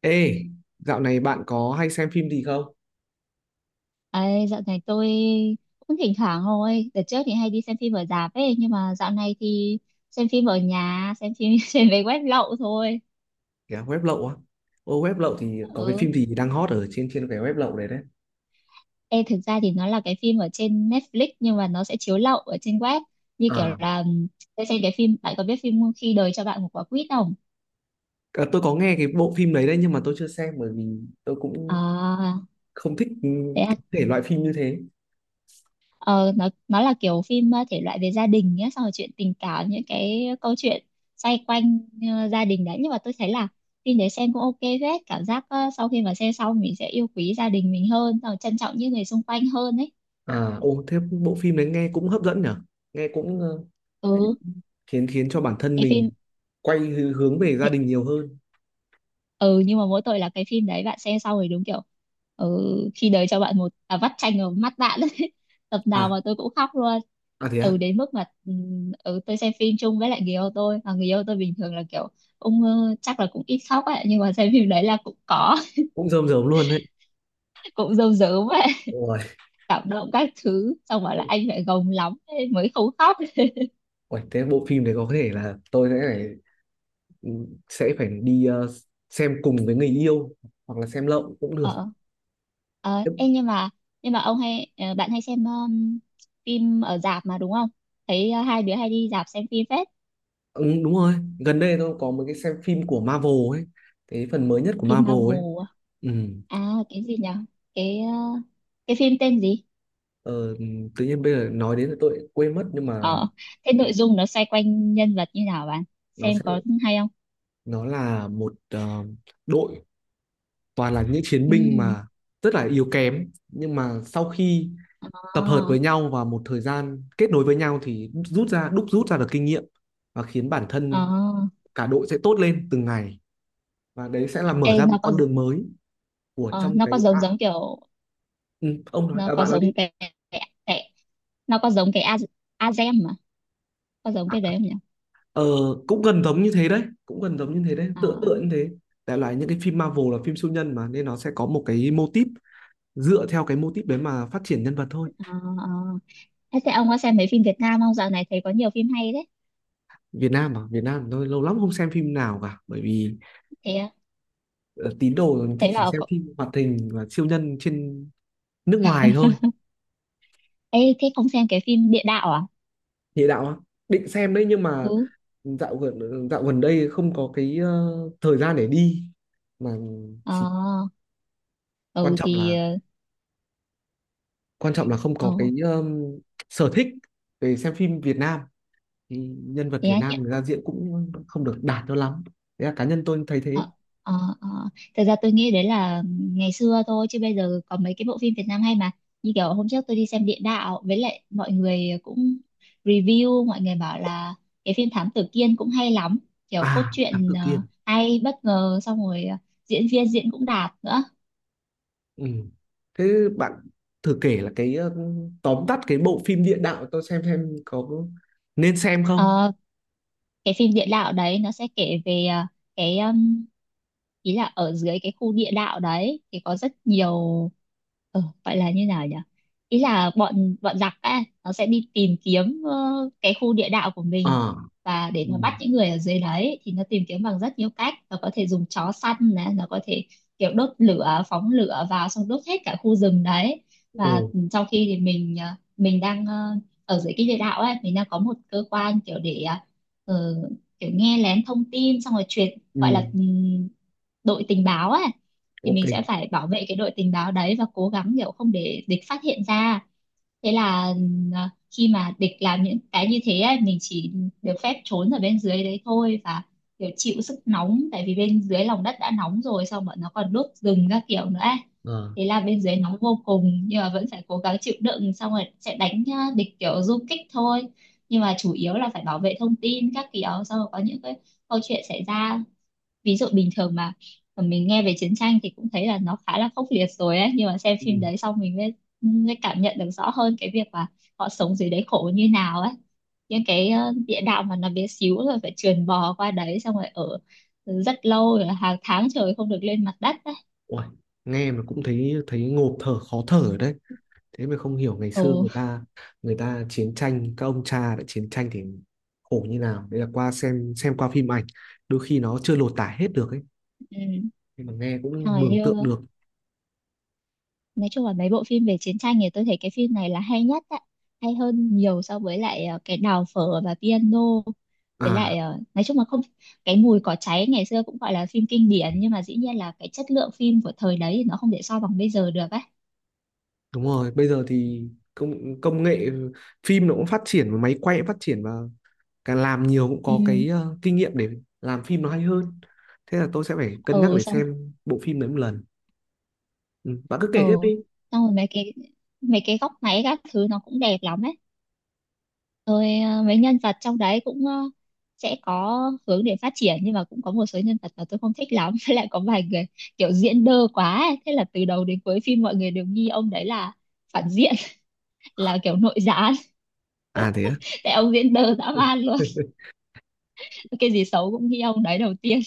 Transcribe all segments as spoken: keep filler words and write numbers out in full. Ê, dạo này bạn có hay xem phim gì không? Ấy, dạo này tôi cũng thỉnh thoảng thôi. Đợt trước thì hay đi xem phim ở rạp ấy, nhưng mà dạo này thì xem phim ở nhà, xem phim trên về web lậu thôi. Kìa, web lậu á. Ô, web lậu thì có cái Ừ. phim gì đang hot ở trên trên cái web lậu đấy đấy. Ê, thực ra thì nó là cái phim ở trên Netflix nhưng mà nó sẽ chiếu lậu ở trên web. Như kiểu À, là tôi xem cái phim, bạn có biết phim Khi đời cho bạn một quả quýt không? à, tôi có nghe cái bộ phim đấy đấy nhưng mà tôi chưa xem bởi vì tôi cũng À, không thích ừ, thế cái à? thể loại phim như thế. Ờ, nó nó là kiểu phim ờ, thể loại về gia đình nhé, xong rồi chuyện tình cảm, những cái câu chuyện xoay quanh ờ, gia đình đấy, nhưng mà tôi thấy là phim đấy xem cũng OK phết. Cảm giác ờ, sau khi mà xem xong mình sẽ yêu quý gia đình mình hơn, xong rồi trân trọng những người xung quanh hơn ấy. À, ô, thế bộ phim đấy nghe cũng hấp dẫn nhở? Nghe cũng ờ, Ừ, khiến khiến cho bản thân cái phim, mình quay hư- hướng về gia đình nhiều hơn. ừ, nhưng mà mỗi tội là cái phim đấy bạn xem xong rồi đúng kiểu ừ, khi đời cho bạn một à, vắt chanh vào mắt bạn ấy. Tập nào À, mà tôi cũng khóc luôn. à thế á, Ừ, đến mức mà ừ, ừ, tôi xem phim chung với lại người yêu tôi và người yêu tôi bình thường là kiểu ông ờ, chắc là cũng ít khóc ấy, nhưng mà xem phim đấy là cũng có. cũng rơm rớm luôn đấy. Cũng rơm rớm ấy, Ôi, cảm động các thứ, xong bảo là anh phải gồng lắm ấy mới không khóc. ôi, thế bộ phim đấy có thể là tôi sẽ phải ừ, sẽ phải đi ờ, xem cùng với người yêu hoặc là xem lậu cũng được. ờ ờ Ê, nhưng mà nhưng mà ông hay ờ, bạn hay xem um, phim ở rạp mà đúng không? Thấy ờ, hai đứa hay đi rạp xem phim phết. Ừ, đúng rồi, gần đây tôi có một cái xem phim của Marvel ấy, cái phần mới nhất của Phim Marvel Marvel ấy. à? Ừ. À, cái gì nhỉ? Cái ờ, cái phim tên gì? ờ, Tự nhiên bây giờ nói đến là tôi lại quên mất nhưng mà Ờ, thế nội dung nó xoay quanh nhân vật như nào, bạn nó xem sẽ có hay không? nó là một ờ, đội toàn là những chiến Ừ. binh mà rất là yếu kém, nhưng mà sau khi Ờ. tập hợp với nhau và một thời gian kết nối với nhau thì rút ra, đúc rút ra được kinh nghiệm và khiến bản Ờ. thân cả đội sẽ tốt lên từng ngày, và đấy sẽ là mở Ê, ra một nó có con đường mới của ờ, trong nó cái có giống à, giống kiểu, ừ, ông nói, nó à, có bạn nói đi giống cái, cái, cái, nó có giống cái A, Azem mà, có giống à, cái đấy không nhỉ? ờ, cũng gần giống như thế đấy, cũng gần giống như thế đấy, Ờ. tựa tựa như thế. Đại loại những cái phim Marvel là phim siêu nhân mà nên nó sẽ có một cái mô típ, dựa theo cái mô típ đấy mà phát triển nhân vật thôi. Ờ. Ờ. thế thế ông có xem mấy phim Việt Nam không? Dạo này thấy có nhiều phim hay đấy. Việt Nam à? Việt Nam tôi lâu lắm không xem phim nào cả bởi vì Thế à? ờ, tín đồ mình thích Thế chỉ là xem có- phim hoạt hình và siêu nhân trên nước ngoài thôi. Ê, thế không xem cái phim địa đạo à? Địa đạo á? Định xem đấy nhưng Ừ. mà dạo gần ờ, dạo gần đây không có cái ờ, thời gian để đi, mà Ờ. chỉ quan Ừ, trọng thì là ờ, quan trọng là không ờ, có cái um, sở thích về xem phim Việt Nam, thì nhân vật thế Việt á, nhận. Nam người ra diễn cũng không được đạt cho lắm, thế là cá nhân tôi thấy Ờ, thế. ờ, ờ. Thật ra tôi nghĩ đấy là ngày xưa thôi, chứ bây giờ có mấy cái bộ phim Việt Nam hay mà. Như kiểu hôm trước tôi đi xem Địa Đạo, với lại mọi người cũng review, mọi người bảo là cái phim Thám Tử Kiên cũng hay lắm, kiểu cốt À, Thám truyện Tử ờ, Kiên. hay bất ngờ, xong rồi ờ, diễn viên diễn cũng đạt nữa. Ừ. Thế bạn thử kể là cái uh, tóm tắt cái bộ phim địa đạo tôi xem xem có nên xem không. Ờ, cái phim địa đạo đấy nó sẽ kể về ờ, cái um, ý là ở dưới cái khu địa đạo đấy thì có rất nhiều. Ừ, gọi là như nào nhỉ? Ý là bọn bọn giặc ấy nó sẽ đi tìm kiếm ờ, cái khu địa đạo của mình, Ờ. và để Ừ. mà bắt những người ở dưới đấy thì nó tìm kiếm bằng rất nhiều cách. Nó có thể dùng chó săn này, nó có thể kiểu đốt lửa, phóng lửa vào, xong đốt hết cả khu rừng đấy. Ồ. Và trong khi thì mình ờ, mình đang ờ, ở dưới cái địa đạo ấy, mình đang có một cơ quan kiểu để ờ, ờ, kiểu nghe lén thông tin, xong rồi truyền, gọi Ừ. là ừm, đội tình báo ấy. Thì Ok. mình sẽ phải bảo vệ cái đội tình báo đấy và cố gắng kiểu không để địch phát hiện ra. Thế là ừm, à, khi mà địch làm những cái như thế ấy, mình chỉ được phép trốn ở bên dưới đấy thôi, và kiểu chịu sức nóng tại vì bên dưới lòng đất đã nóng rồi, xong bọn nó còn đốt rừng các kiểu nữa ấy. Ờ. Thế là bên dưới nóng vô cùng, nhưng mà vẫn phải cố gắng chịu đựng, xong rồi sẽ đánh à, địch kiểu du kích thôi. Nhưng mà chủ yếu là phải bảo vệ thông tin các kiểu, xong rồi có những cái câu chuyện xảy ra. Ví dụ bình thường mà mình nghe về chiến tranh thì cũng thấy là nó khá là khốc liệt rồi ấy, nhưng mà xem phim Ừ. đấy xong mình mới, mới cảm nhận được rõ hơn cái việc là họ sống dưới đấy khổ như nào ấy. Những cái ờ, địa đạo mà nó bé xíu, rồi phải trườn bò qua đấy, xong rồi ở rất lâu, rồi hàng tháng trời không được lên mặt đất ấy. Uầy, nghe mà cũng thấy thấy ngộp thở, khó thở đấy. Thế mới không hiểu ngày xưa Ừ. người ta người ta chiến tranh, các ông cha đã chiến tranh thì khổ như nào đấy, là qua xem xem qua phim ảnh đôi khi nó chưa lột tả hết được ấy, Ừ. nhưng mà nghe cũng Rồi, mường như tượng được. nói chung là mấy bộ phim về chiến tranh thì tôi thấy cái phim này là hay nhất ạ, hay hơn nhiều so với lại ờ, cái Đào phở và piano, với À, lại ờ, nói chung là không. Cái Mùi cỏ cháy ngày xưa cũng gọi là phim kinh điển, nhưng mà dĩ nhiên là cái chất lượng phim của thời đấy thì nó không thể so bằng bây giờ được ấy. đúng rồi, bây giờ thì công công nghệ phim nó cũng phát triển và máy quay cũng phát triển, và càng làm nhiều cũng Ừ. có cái ờ, kinh nghiệm để làm phim nó hay hơn. Thế là tôi sẽ phải cân nhắc Ừ, để xong. xem bộ phim đấy một lần. Ừ, bạn cứ Ừ, kể tiếp đi. xong rồi mấy cái mấy cái góc máy các thứ nó cũng đẹp lắm ấy. Rồi à, mấy nhân vật trong đấy cũng ờ, sẽ có hướng để phát triển, nhưng mà cũng có một số nhân vật mà tôi không thích lắm. Với lại có vài người kiểu diễn đơ quá ấy. Thế là từ đầu đến cuối phim mọi người đều nghi ông đấy là phản diện, là kiểu nội gián. À, thế á. Tại ông diễn đơ dã man luôn. Cái gì xấu cũng nghi ông đấy đầu tiên.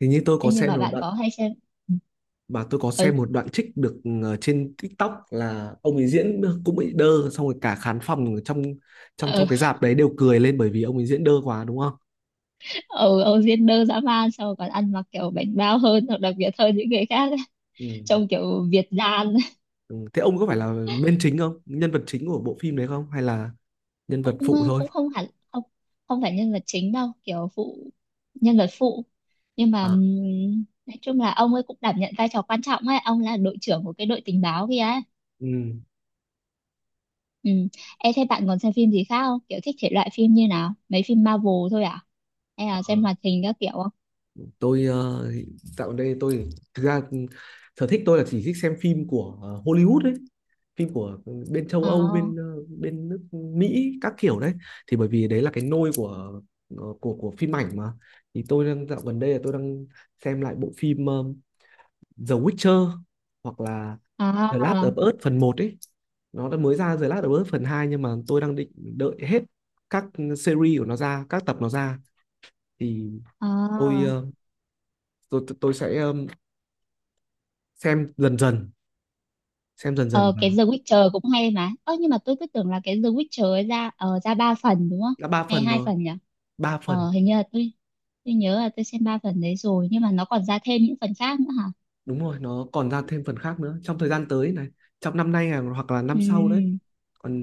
Thì như tôi có Thế nhưng xem mà rồi bạn có hay xem. mà, tôi có Ừ. xem một đoạn trích được ờ, trên TikTok là ông ấy diễn cũng bị đơ, xong rồi cả khán phòng trong trong Ừ. trong cái rạp đấy đều cười lên bởi vì ông ấy diễn đơ quá, đúng không? Ừ, ông diễn đơ dã man, xong rồi còn ăn mặc kiểu bảnh bao hơn hoặc đặc biệt hơn những người khác ấy. Ừ. Trông kiểu Việt gian. Ừ. Thế ông có phải là main chính không? Nhân vật chính của bộ phim đấy không? Hay là nhân vật Cũng ờ, phụ thôi? cũng không hẳn. Không, không phải nhân vật chính đâu, kiểu phụ, nhân vật phụ, nhưng mà À. ừm, nói chung là ông ấy cũng đảm nhận vai trò quan trọng ấy, ông là đội trưởng của cái đội tình báo kia ấy. Ừ. Ừ. Ê, thế bạn còn xem phim gì khác không, kiểu thích thể loại phim như nào? Mấy phim Marvel thôi à, hay là xem hoạt hình các kiểu không? tôi ờ, Dạo gần đây tôi, thực ra sở thích tôi là chỉ thích xem phim của ờ, Hollywood đấy, phim của bên châu Âu, À. bên ờ, bên nước Mỹ các kiểu đấy, thì bởi vì đấy là cái nôi của ờ, của của phim ảnh mà. Thì tôi đang dạo gần đây là tôi đang xem lại bộ phim ờ, The Witcher, hoặc là The Last À. of Us phần một ấy. Nó đã mới ra The Last of Us phần hai nhưng mà tôi đang định đợi hết các series của nó ra, các tập nó ra, thì tôi À. ờ, tôi tôi sẽ ờ, xem dần dần, xem dần dần, Ờ, cái và The Witcher cũng hay mà. Ơ, nhưng mà tôi cứ tưởng là cái The Witcher ấy ra ờ, ra ba phần đúng không? đã ba Hay phần hai rồi. phần nhỉ? Ba phần, Ờ, hình như là tôi tôi nhớ là tôi xem ba phần đấy rồi, nhưng mà nó còn ra thêm những phần khác nữa hả? đúng rồi, nó còn ra thêm phần khác nữa trong thời gian tới này, trong năm nay à, hoặc là năm sau đấy. Ừ. Còn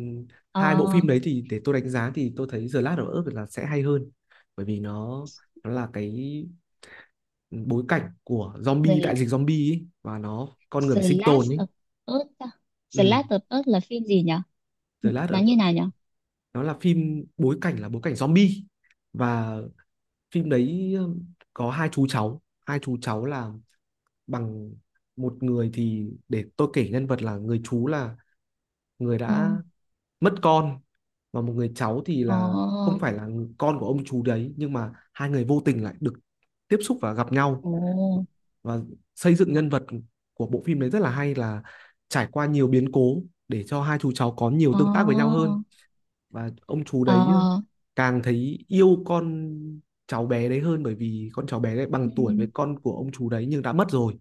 Ờ, hai bộ phim đấy thì để tôi đánh giá thì tôi thấy The Last of Us là sẽ hay hơn, bởi vì nó nó là cái bối cảnh của zombie, đại The, dịch zombie ấy, và nó con người phải The sinh tồn Last ấy. of Us. À? The Ừ, Last of Us là phim gì nhỉ? The N- Last Nó of như Us nào nhỉ? nó là phim bối cảnh là bối cảnh zombie, và phim đấy um, có hai chú cháu. Hai chú cháu là bằng, một người thì để tôi kể nhân vật, là người chú là người Ờ. đã mất con, và một người cháu thì Ồ. là không phải là con của ông chú đấy, nhưng mà hai người vô tình lại được tiếp xúc và gặp nhau, Ồ. và xây dựng nhân vật của bộ phim đấy rất là hay, là trải qua nhiều biến cố để cho hai chú cháu có nhiều Ờ. tương tác với nhau hơn, và ông chú Ờ. đấy ờ, càng thấy yêu con cháu bé đấy hơn, bởi vì con cháu bé đấy Ừ. bằng tuổi với con của ông chú đấy nhưng đã mất rồi.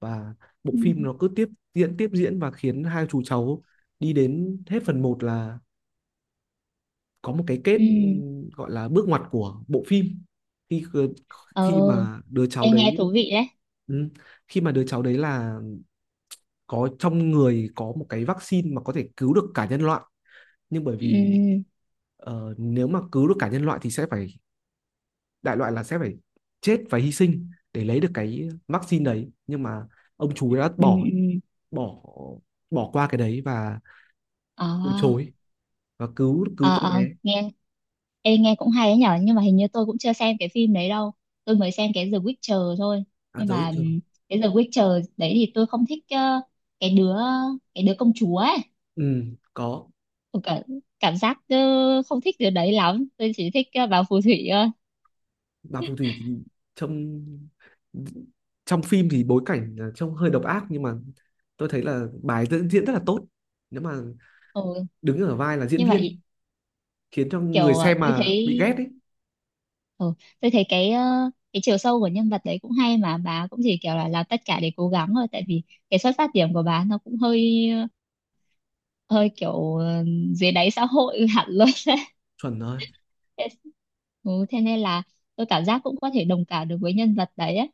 Và bộ Ừ. phim nó cứ tiếp diễn, tiếp diễn, và khiến hai chú cháu đi đến hết phần một là có một cái kết, Ừ. ừ, gọi là bước ngoặt của bộ phim, khi ờ, Ờ. khi mà đứa cháu Em nghe đấy thú vị đấy. ừ, khi mà đứa cháu đấy là có trong người, có một cái vaccine mà có thể cứu được cả nhân loại. Nhưng bởi vì Ừ. ờ, nếu mà cứu được cả nhân loại thì sẽ phải, đại loại là sẽ phải chết và hy sinh để lấy được cái vaccine đấy, nhưng mà ông chú đã Ừ. bỏ Ừ. bỏ bỏ qua cái đấy và Ờ. từ chối, và cứu cứu Ờ. con Ờ, bé. nghe, ê, nghe cũng hay đấy nhở, nhưng mà hình như tôi cũng chưa xem cái phim đấy đâu. Tôi mới xem cái The Witcher thôi. À, Nhưng mà giới trường, ừm, cái The Witcher đấy thì tôi không thích ờ, cái đứa cái đứa công chúa ấy. ừ, có Tôi cả, cảm giác ờ, không thích đứa đấy lắm. Tôi chỉ thích ờ, bà phù thủy thôi. bà phù thủy thì trong trong phim thì bối cảnh là trông hơi độc ác, nhưng mà tôi thấy là bài diễn diễn rất là tốt, nếu mà Ừ. đứng ở vai là diễn Nhưng mà viên, ý- khiến cho người Kiểu ờ, xem tôi thấy mà bị ghét ấy. ừ, tôi thấy cái ờ, cái chiều sâu của nhân vật đấy cũng hay mà. Bà cũng chỉ kiểu là làm tất cả để cố gắng thôi, tại vì cái xuất phát điểm của bà nó cũng hơi, hơi kiểu ờ, dưới đáy xã hội hẳn luôn. Chuẩn rồi. thế, ừ, thế nên là tôi cảm giác cũng có thể đồng cảm được với nhân vật đấy ấy.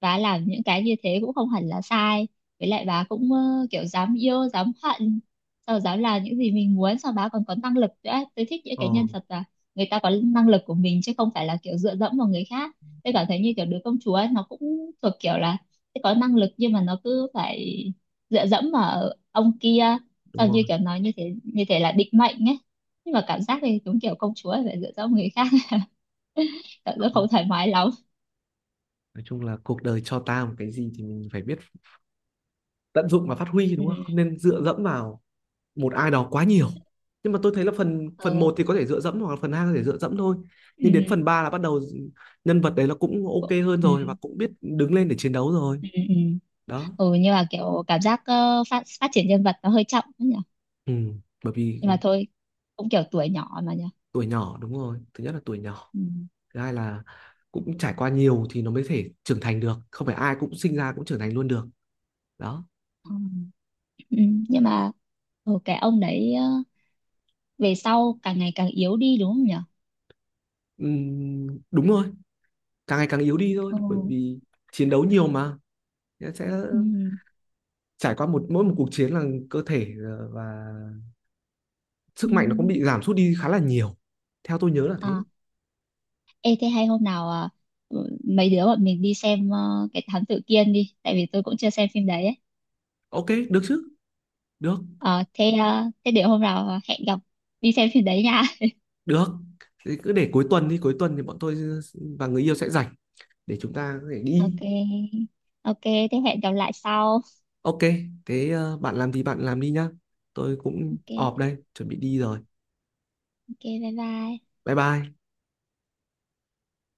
Bà làm những cái như thế cũng không hẳn là sai. Với lại bà cũng ờ, kiểu dám yêu dám hận, sau dám làm những gì mình muốn, sau bà còn có năng lực nữa. Tôi thích những ờ cái nhân vật là người ta có năng lực của mình chứ không phải là kiểu dựa dẫm vào người khác. Tôi cảm thấy như kiểu đứa công chúa ấy, nó cũng thuộc kiểu là sẽ có năng lực nhưng mà nó cứ phải dựa dẫm vào ông kia, Đúng sau rồi. như kiểu nói như thế như thế là định mệnh ấy, nhưng mà cảm giác thì đúng kiểu công chúa phải dựa dẫm vào người khác. Cảm giác Không, không thoải mái lắm. nói chung là cuộc đời cho ta một cái gì thì mình phải biết tận dụng và phát huy, đúng không? Không Ừ. nên dựa dẫm vào một ai đó quá nhiều, nhưng mà tôi thấy là phần phần Ờ. một thì có thể dựa dẫm, hoặc là phần hai có thể dựa dẫm thôi, nhưng đến Ừ. phần ba là bắt đầu nhân vật đấy nó cũng ok hơn Ừ. rồi, và cũng biết đứng lên để chiến đấu rồi. Ừ, ừ. Ừ. Đó. Ừ, nhưng mà kiểu cảm giác ờ, phát phát triển nhân vật nó hơi chậm ấy nhỉ. Ừ. Bởi vì Nhưng mà thôi, cũng kiểu tuổi nhỏ mà nhỉ. tuổi nhỏ, đúng rồi, thứ nhất là tuổi nhỏ, Ừ. thứ hai là cũng trải qua nhiều thì nó mới thể trưởng thành được, không phải ai cũng sinh ra cũng trưởng thành luôn được. Đó. Ừ. Ừ, nhưng mà ừ, cái ông đấy ờ, về sau càng ngày càng yếu đi đúng không nhỉ? Ừm, đúng rồi, càng ngày càng yếu đi thôi, Ừ. bởi vì chiến đấu nhiều mà, sẽ Ừ. trải qua một mỗi một cuộc chiến là cơ thể ờ, và sức Ừ. mạnh nó cũng bị giảm sút đi khá là nhiều, theo tôi nhớ là thế. À, ê thế hay hôm nào à, ừ, mấy đứa bọn mình đi xem ờ, cái Thám Tử Kiên đi, tại vì tôi cũng chưa xem phim đấy ấy. Ok, được chứ, được Ờ, thế ờ, thế để hôm nào à, hẹn gặp đi xem phim đấy nha. được Thế cứ để cuối tuần đi, cuối tuần thì bọn tôi và người yêu sẽ rảnh để chúng ta có thể đi. OK. OK, thế hẹn gặp lại sau. Ok, thế ờ, bạn làm thì bạn làm đi nhá, tôi cũng ọp OK. đây chuẩn bị đi rồi. OK, bye bye. Bye bye.